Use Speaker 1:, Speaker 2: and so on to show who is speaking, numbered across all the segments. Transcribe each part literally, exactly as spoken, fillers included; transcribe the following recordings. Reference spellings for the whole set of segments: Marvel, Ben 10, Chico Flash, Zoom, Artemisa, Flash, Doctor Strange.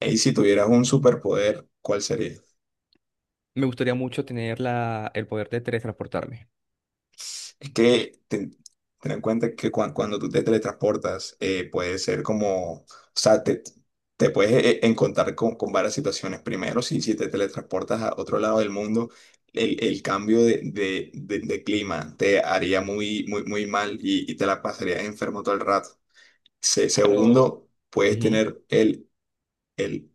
Speaker 1: Y si tuvieras un superpoder, ¿cuál sería?
Speaker 2: Me gustaría mucho tener la, el poder de teletransportarme.
Speaker 1: Es que ten, ten en cuenta que cua- cuando tú te teletransportas, eh, puede ser como, o sea, te, te puedes eh, eh, encontrar con, con varias situaciones. Primero, si, si te teletransportas a otro lado del mundo, el, el cambio de, de- de- de clima te haría muy, muy, muy mal y, y te la pasarías enfermo todo el rato. Se-
Speaker 2: Pero...
Speaker 1: segundo, puedes
Speaker 2: Ujú.
Speaker 1: tener el, el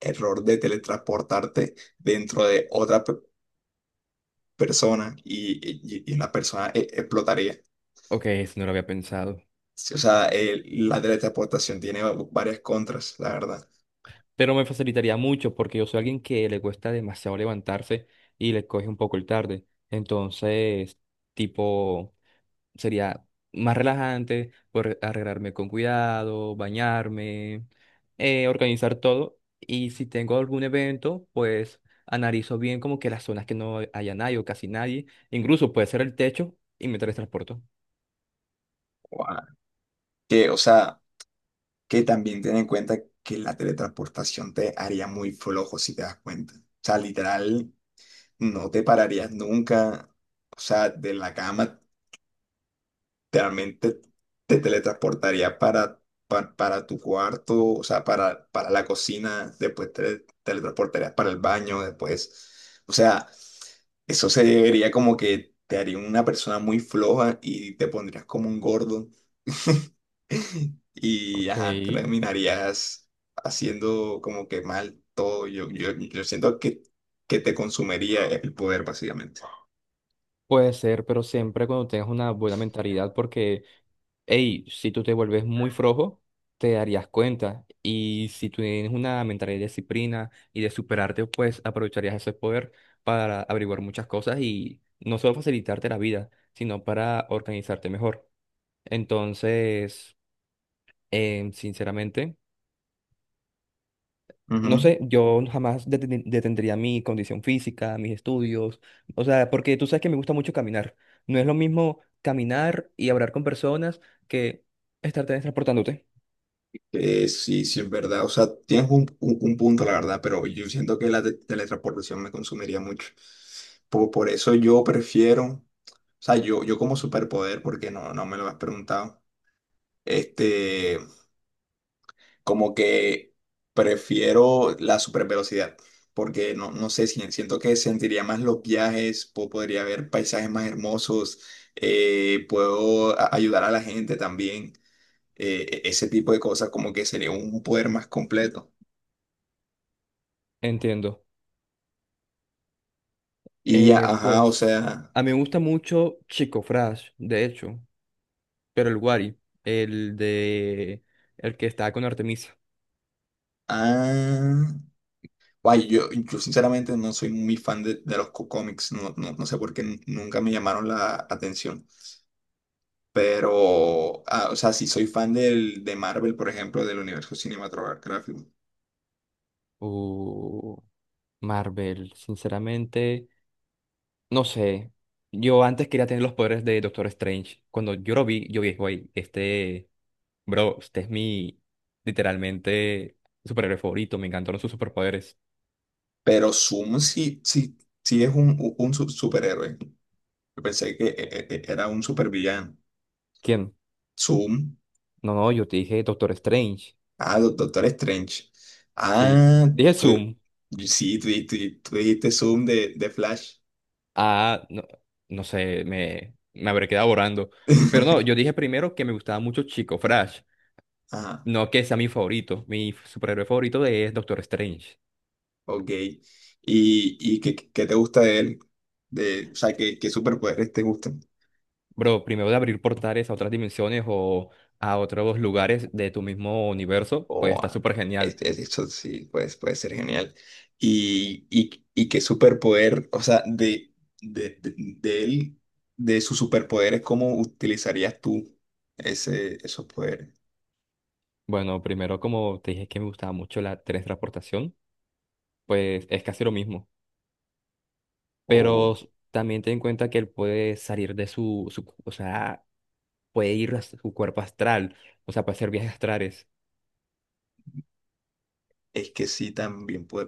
Speaker 1: error de teletransportarte dentro de otra persona y, y- y la persona e- explotaría.
Speaker 2: Ok, eso no lo había pensado.
Speaker 1: Sí, o sea, el- la teletransportación tiene varias contras, la verdad.
Speaker 2: Pero me facilitaría mucho porque yo soy alguien que le cuesta demasiado levantarse y le coge un poco el tarde. Entonces, tipo, sería más relajante, poder arreglarme con cuidado, bañarme, eh, organizar todo. Y si tengo algún evento, pues analizo bien como que las zonas que no haya nadie o casi nadie. Incluso puede ser el techo y me teletransporto.
Speaker 1: Guau. Que, o sea, que también ten en cuenta que la teletransportación te haría muy flojo si te das cuenta. O sea, literal, no te pararías nunca, o sea, de la cama realmente te teletransportaría para, pa- para tu cuarto, o sea, para, para la cocina, después te teletransportarías para el baño, después, o sea, eso sería como que te haría una persona muy floja y te pondrías como un gordo y
Speaker 2: Ok,
Speaker 1: ajá, terminarías haciendo como que mal todo. Yo, yo, yo siento que, que te consumiría el poder, básicamente.
Speaker 2: puede ser, pero siempre cuando tengas una buena mentalidad, porque, hey, si tú te vuelves muy flojo, te darías cuenta. Y si tú tienes una mentalidad de disciplina y de superarte, pues aprovecharías ese poder para averiguar muchas cosas y no solo facilitarte la vida, sino para organizarte mejor. Entonces, em, sinceramente. No
Speaker 1: Ujú.
Speaker 2: sé, yo jamás deten- detendría mi condición física, mis estudios, o sea, porque tú sabes que me gusta mucho caminar. No es lo mismo caminar y hablar con personas que estar transportándote.
Speaker 1: Eh, sí, sí, es verdad. O sea, tienes un, un- un punto, la verdad, pero yo siento que la te- teletransportación me consumiría mucho. Por, por eso yo prefiero, o sea, yo, yo como superpoder, porque no, no me lo has preguntado, este, como que prefiero la supervelocidad, porque no, no sé, si- siento que sentiría más los viajes, po- podría ver paisajes más hermosos, eh, puedo a- ayudar a la gente también, eh, e- ese tipo de cosas, como que sería un poder más completo.
Speaker 2: Entiendo.
Speaker 1: Y, a-
Speaker 2: Eh,
Speaker 1: ajá, o
Speaker 2: pues
Speaker 1: sea,
Speaker 2: a mí me gusta mucho Chico Flash, de hecho, pero el Wari, el de el que está con Artemisa.
Speaker 1: ah, guay, yo, yo sinceramente no soy muy fan de, de los cómics, no, no, no sé por qué n- nunca me llamaron la atención, pero, ah, o sea, sí soy fan del, de Marvel, por ejemplo, del universo cinematográfico,
Speaker 2: Uh, Marvel, sinceramente. No sé, yo antes quería tener los poderes de Doctor Strange. Cuando yo lo vi, yo dije güey, este, bro, este es mi, literalmente, superhéroe favorito. Me encantaron sus superpoderes.
Speaker 1: pero Zoom sí, sí, sí es un, u- un su- superhéroe, yo pensé que e- e- e, era un supervillano,
Speaker 2: ¿Quién?
Speaker 1: Zoom,
Speaker 2: No, no, yo te dije Doctor Strange,
Speaker 1: ah, Do- Doctor Strange,
Speaker 2: sí.
Speaker 1: ah,
Speaker 2: Dije
Speaker 1: tú-
Speaker 2: Zoom,
Speaker 1: sí, tú, tú- tú dijiste Zoom de, de Flash.
Speaker 2: ah, no, no sé, me, me habré quedado borrando. Pero no, yo dije primero que me gustaba mucho Chico Flash,
Speaker 1: Ajá,
Speaker 2: no que sea mi favorito. Mi superhéroe favorito de- es Doctor Strange.
Speaker 1: ok. ¿Y, y qué, qué te gusta de él? De, o sea, ¿qué, qué superpoderes te gustan?
Speaker 2: Bro, primero de abrir portales a otras dimensiones o a otros lugares de tu mismo universo, pues
Speaker 1: Oh,
Speaker 2: está
Speaker 1: ah,
Speaker 2: súper genial.
Speaker 1: es- es- eso sí, pues, puede ser genial. ¿Y, y, y qué superpoder, o sea, de, de, de, de él, de sus superpoderes, cómo utilizarías tú ese, esos poderes?
Speaker 2: Bueno, primero como te dije que me gustaba mucho la teletransportación, pues es casi lo mismo.
Speaker 1: O
Speaker 2: Pero s- también ten en cuenta que él puede salir de su, su- o sea, puede ir a su cuerpo astral, o sea, puede hacer viajes astrales.
Speaker 1: es que sí, también puede,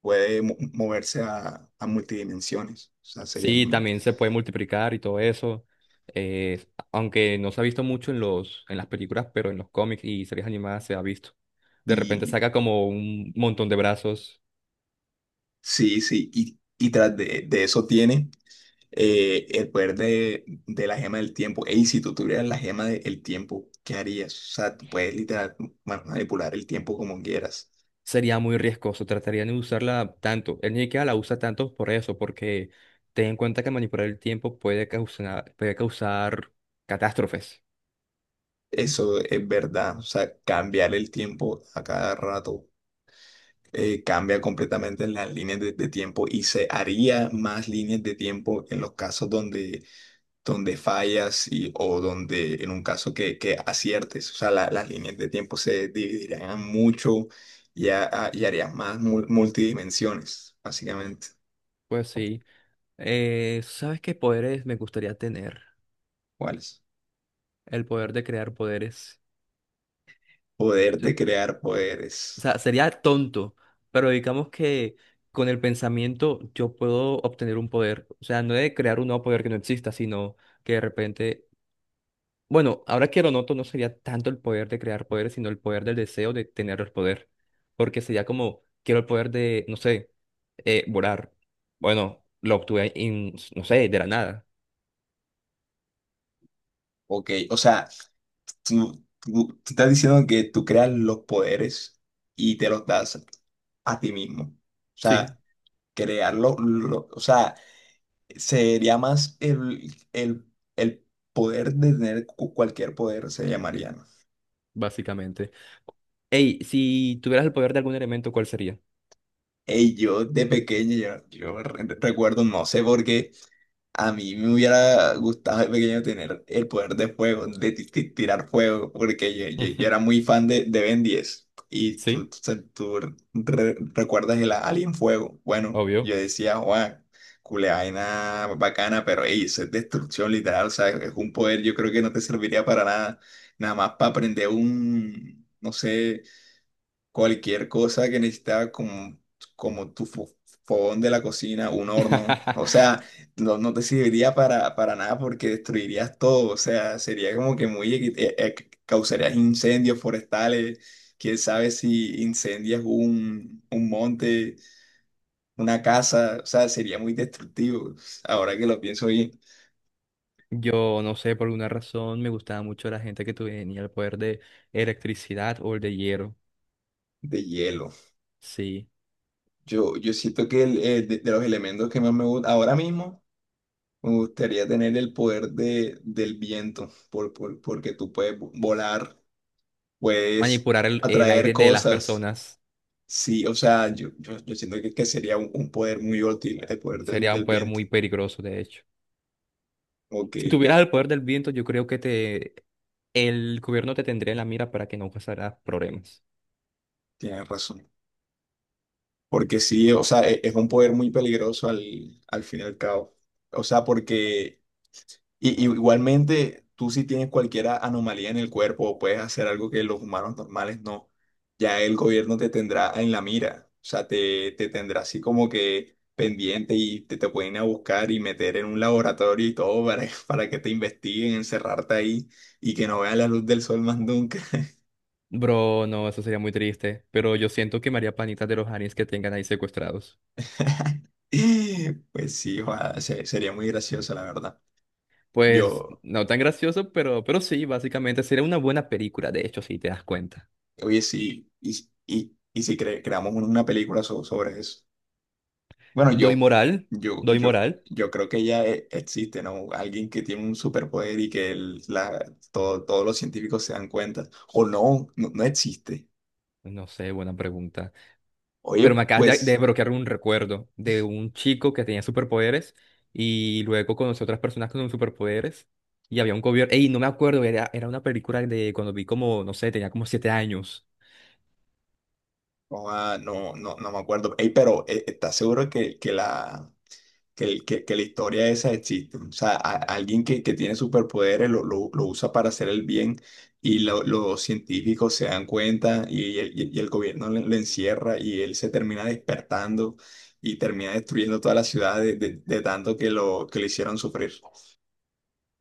Speaker 1: puede mo- moverse a, a multidimensiones. O sea, sería
Speaker 2: Sí,
Speaker 1: muy...
Speaker 2: también se puede multiplicar y todo eso. eh, Aunque no se ha visto mucho en los, en las películas, pero en los cómics y series animadas se ha visto. De repente
Speaker 1: Y,
Speaker 2: saca como un montón de brazos.
Speaker 1: sí, sí, y, y tras de, de eso tiene eh, el poder de, de la gema del tiempo. Ey, si tú tuvieras la gema del tiempo, ¿qué harías? O sea, tú puedes literal ma- manipular el tiempo como quieras.
Speaker 2: Sería muy riesgoso. Trataría de no usarla tanto. Él ni siquiera la usa tanto por eso, porque ten en cuenta que manipular el tiempo puede causar, puede causar catástrofes.
Speaker 1: Eso es verdad. O sea, cambiar el tiempo a cada rato eh, cambia completamente las líneas de, de tiempo y se haría más líneas de tiempo en los casos donde donde fallas y, o donde en un caso que, que aciertes, o sea, la- las líneas de tiempo se dividirían mucho y, ha- y harías más mul- multidimensiones, básicamente.
Speaker 2: Pues
Speaker 1: O-
Speaker 2: sí. Eh, ¿sabes qué poderes me gustaría tener?
Speaker 1: ¿Cuáles?
Speaker 2: El poder de crear poderes.
Speaker 1: Poder de crear poderes.
Speaker 2: O sea, sería tonto, pero digamos que con el pensamiento yo puedo obtener un poder. O sea, no de crear un nuevo poder que no exista, sino que de repente, bueno, ahora que lo noto, no sería tanto el poder de crear poderes, sino el poder del deseo de tener el poder. Porque sería como, quiero el poder de, no sé, eh, volar. Bueno, lo obtuve, en, no sé, de la nada.
Speaker 1: Ok, o sea, tú, tú- tú estás diciendo que tú creas los poderes y te los das a ti mismo. O
Speaker 2: Sí,
Speaker 1: sea, crearlo, lo- o sea, sería más el, el, el poder de tener cu- cualquier poder, se llamaría, ¿no?
Speaker 2: básicamente. Ey, si tuvieras el poder de algún elemento, ¿cuál sería?
Speaker 1: Ey, yo de pequeño, yo, yo re- recuerdo, no sé por qué, a mí me hubiera gustado de pequeño tener el poder de fuego, de ti- ti- tirar fuego, porque yo, yo, yo era muy fan de, de Ben diez. Y tú,
Speaker 2: Sí,
Speaker 1: tú, se- tú re- recuerdas el Alien Fuego. Bueno, yo
Speaker 2: obvio.
Speaker 1: decía, Juan, culeaina bacana, pero ey, eso es destrucción literal, o sea, es un poder, yo creo que no te serviría para nada, nada más para aprender un, no sé cualquier cosa que necesitaba como, como tu fo- fogón de la cocina, un horno, o sea, no, no te serviría para, para nada porque destruirías todo, o sea, sería como que muy, equi- eh, eh, causarías incendios forestales, quién sabe si incendias un, un monte, una casa, o sea, sería muy destructivo, ahora que lo pienso bien,
Speaker 2: Yo no sé, por alguna razón me gustaba mucho la gente que tenía el poder de electricidad o el de hielo.
Speaker 1: de hielo.
Speaker 2: Sí.
Speaker 1: Yo, yo siento que el, eh, de, de los elementos que más me gustan ahora mismo, me gustaría tener el poder de, del viento, por, por- porque tú puedes vo- volar, puedes
Speaker 2: Manipular el, el
Speaker 1: atraer
Speaker 2: aire de las
Speaker 1: cosas.
Speaker 2: personas
Speaker 1: Sí, o sea, yo, yo, yo siento que, que sería un, un poder muy útil el poder del,
Speaker 2: sería un
Speaker 1: del
Speaker 2: poder
Speaker 1: viento.
Speaker 2: muy peligroso, de hecho.
Speaker 1: Ok,
Speaker 2: Si tuvieras el poder del viento, yo creo que te el gobierno te tendría en la mira para que no causara problemas.
Speaker 1: tienes razón. Porque sí, o sea, e- es un poder muy peligroso al, al fin y al cabo. O sea, porque Y, y igualmente, tú si tienes cualquier a- anomalía en el cuerpo o puedes hacer algo que los humanos normales no, ya el gobierno te tendrá en la mira, o sea, te, te tendrá así como que pendiente y te, te pueden ir a buscar y meter en un laboratorio y todo para, para que te investiguen, encerrarte ahí y que no vean la luz del sol más nunca.
Speaker 2: Bro, no, eso sería muy triste, pero yo siento que me haría panitas de los aliens que tengan ahí secuestrados.
Speaker 1: Pues sí, ojalá, se- sería muy gracioso, la verdad.
Speaker 2: Pues
Speaker 1: Yo,
Speaker 2: no tan gracioso, pero, pero sí, básicamente sería una buena película, de hecho, si te das cuenta.
Speaker 1: oye, sí, y, y, y si cre- creamos una película so- sobre eso. Bueno,
Speaker 2: Doy
Speaker 1: yo,
Speaker 2: moral,
Speaker 1: yo,
Speaker 2: doy
Speaker 1: yo,
Speaker 2: moral.
Speaker 1: yo creo que ya e- existe, ¿no? Alguien que tiene un superpoder y que el- la, todo- todos los científicos se dan cuenta. O no, no, no existe.
Speaker 2: No sé, buena pregunta.
Speaker 1: Oye,
Speaker 2: Pero me acabas de de
Speaker 1: pues,
Speaker 2: desbloquear un recuerdo de un chico que tenía superpoderes y luego conocí otras personas con superpoderes y había un gobierno. Ey, no me acuerdo, era, era una película de cuando vi como, no sé, tenía como siete años.
Speaker 1: no, ah, no, no, no me acuerdo. Ey, pero eh, ¿estás seguro que, que la, que, el- que- que la historia esa existe? O sea, a- alguien que, que tiene superpoderes lo, lo- lo usa para hacer el bien y lo- los científicos se dan cuenta y el, y el gobierno le- lo encierra y él se termina despertando y termina destruyendo toda la ciudad de, de- de tanto que lo, que lo hicieron sufrir.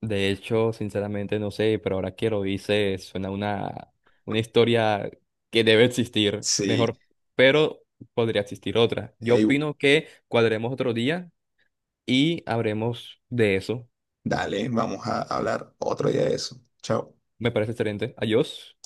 Speaker 2: De hecho, sinceramente no sé, pero ahora que lo hice suena una, una historia que debe existir,
Speaker 1: Sí,
Speaker 2: mejor, pero podría existir otra. Yo
Speaker 1: ey,
Speaker 2: opino que cuadremos otro día y habremos de eso.
Speaker 1: dale, vamos a hablar otro día de eso. Chao.
Speaker 2: Me parece excelente. Adiós.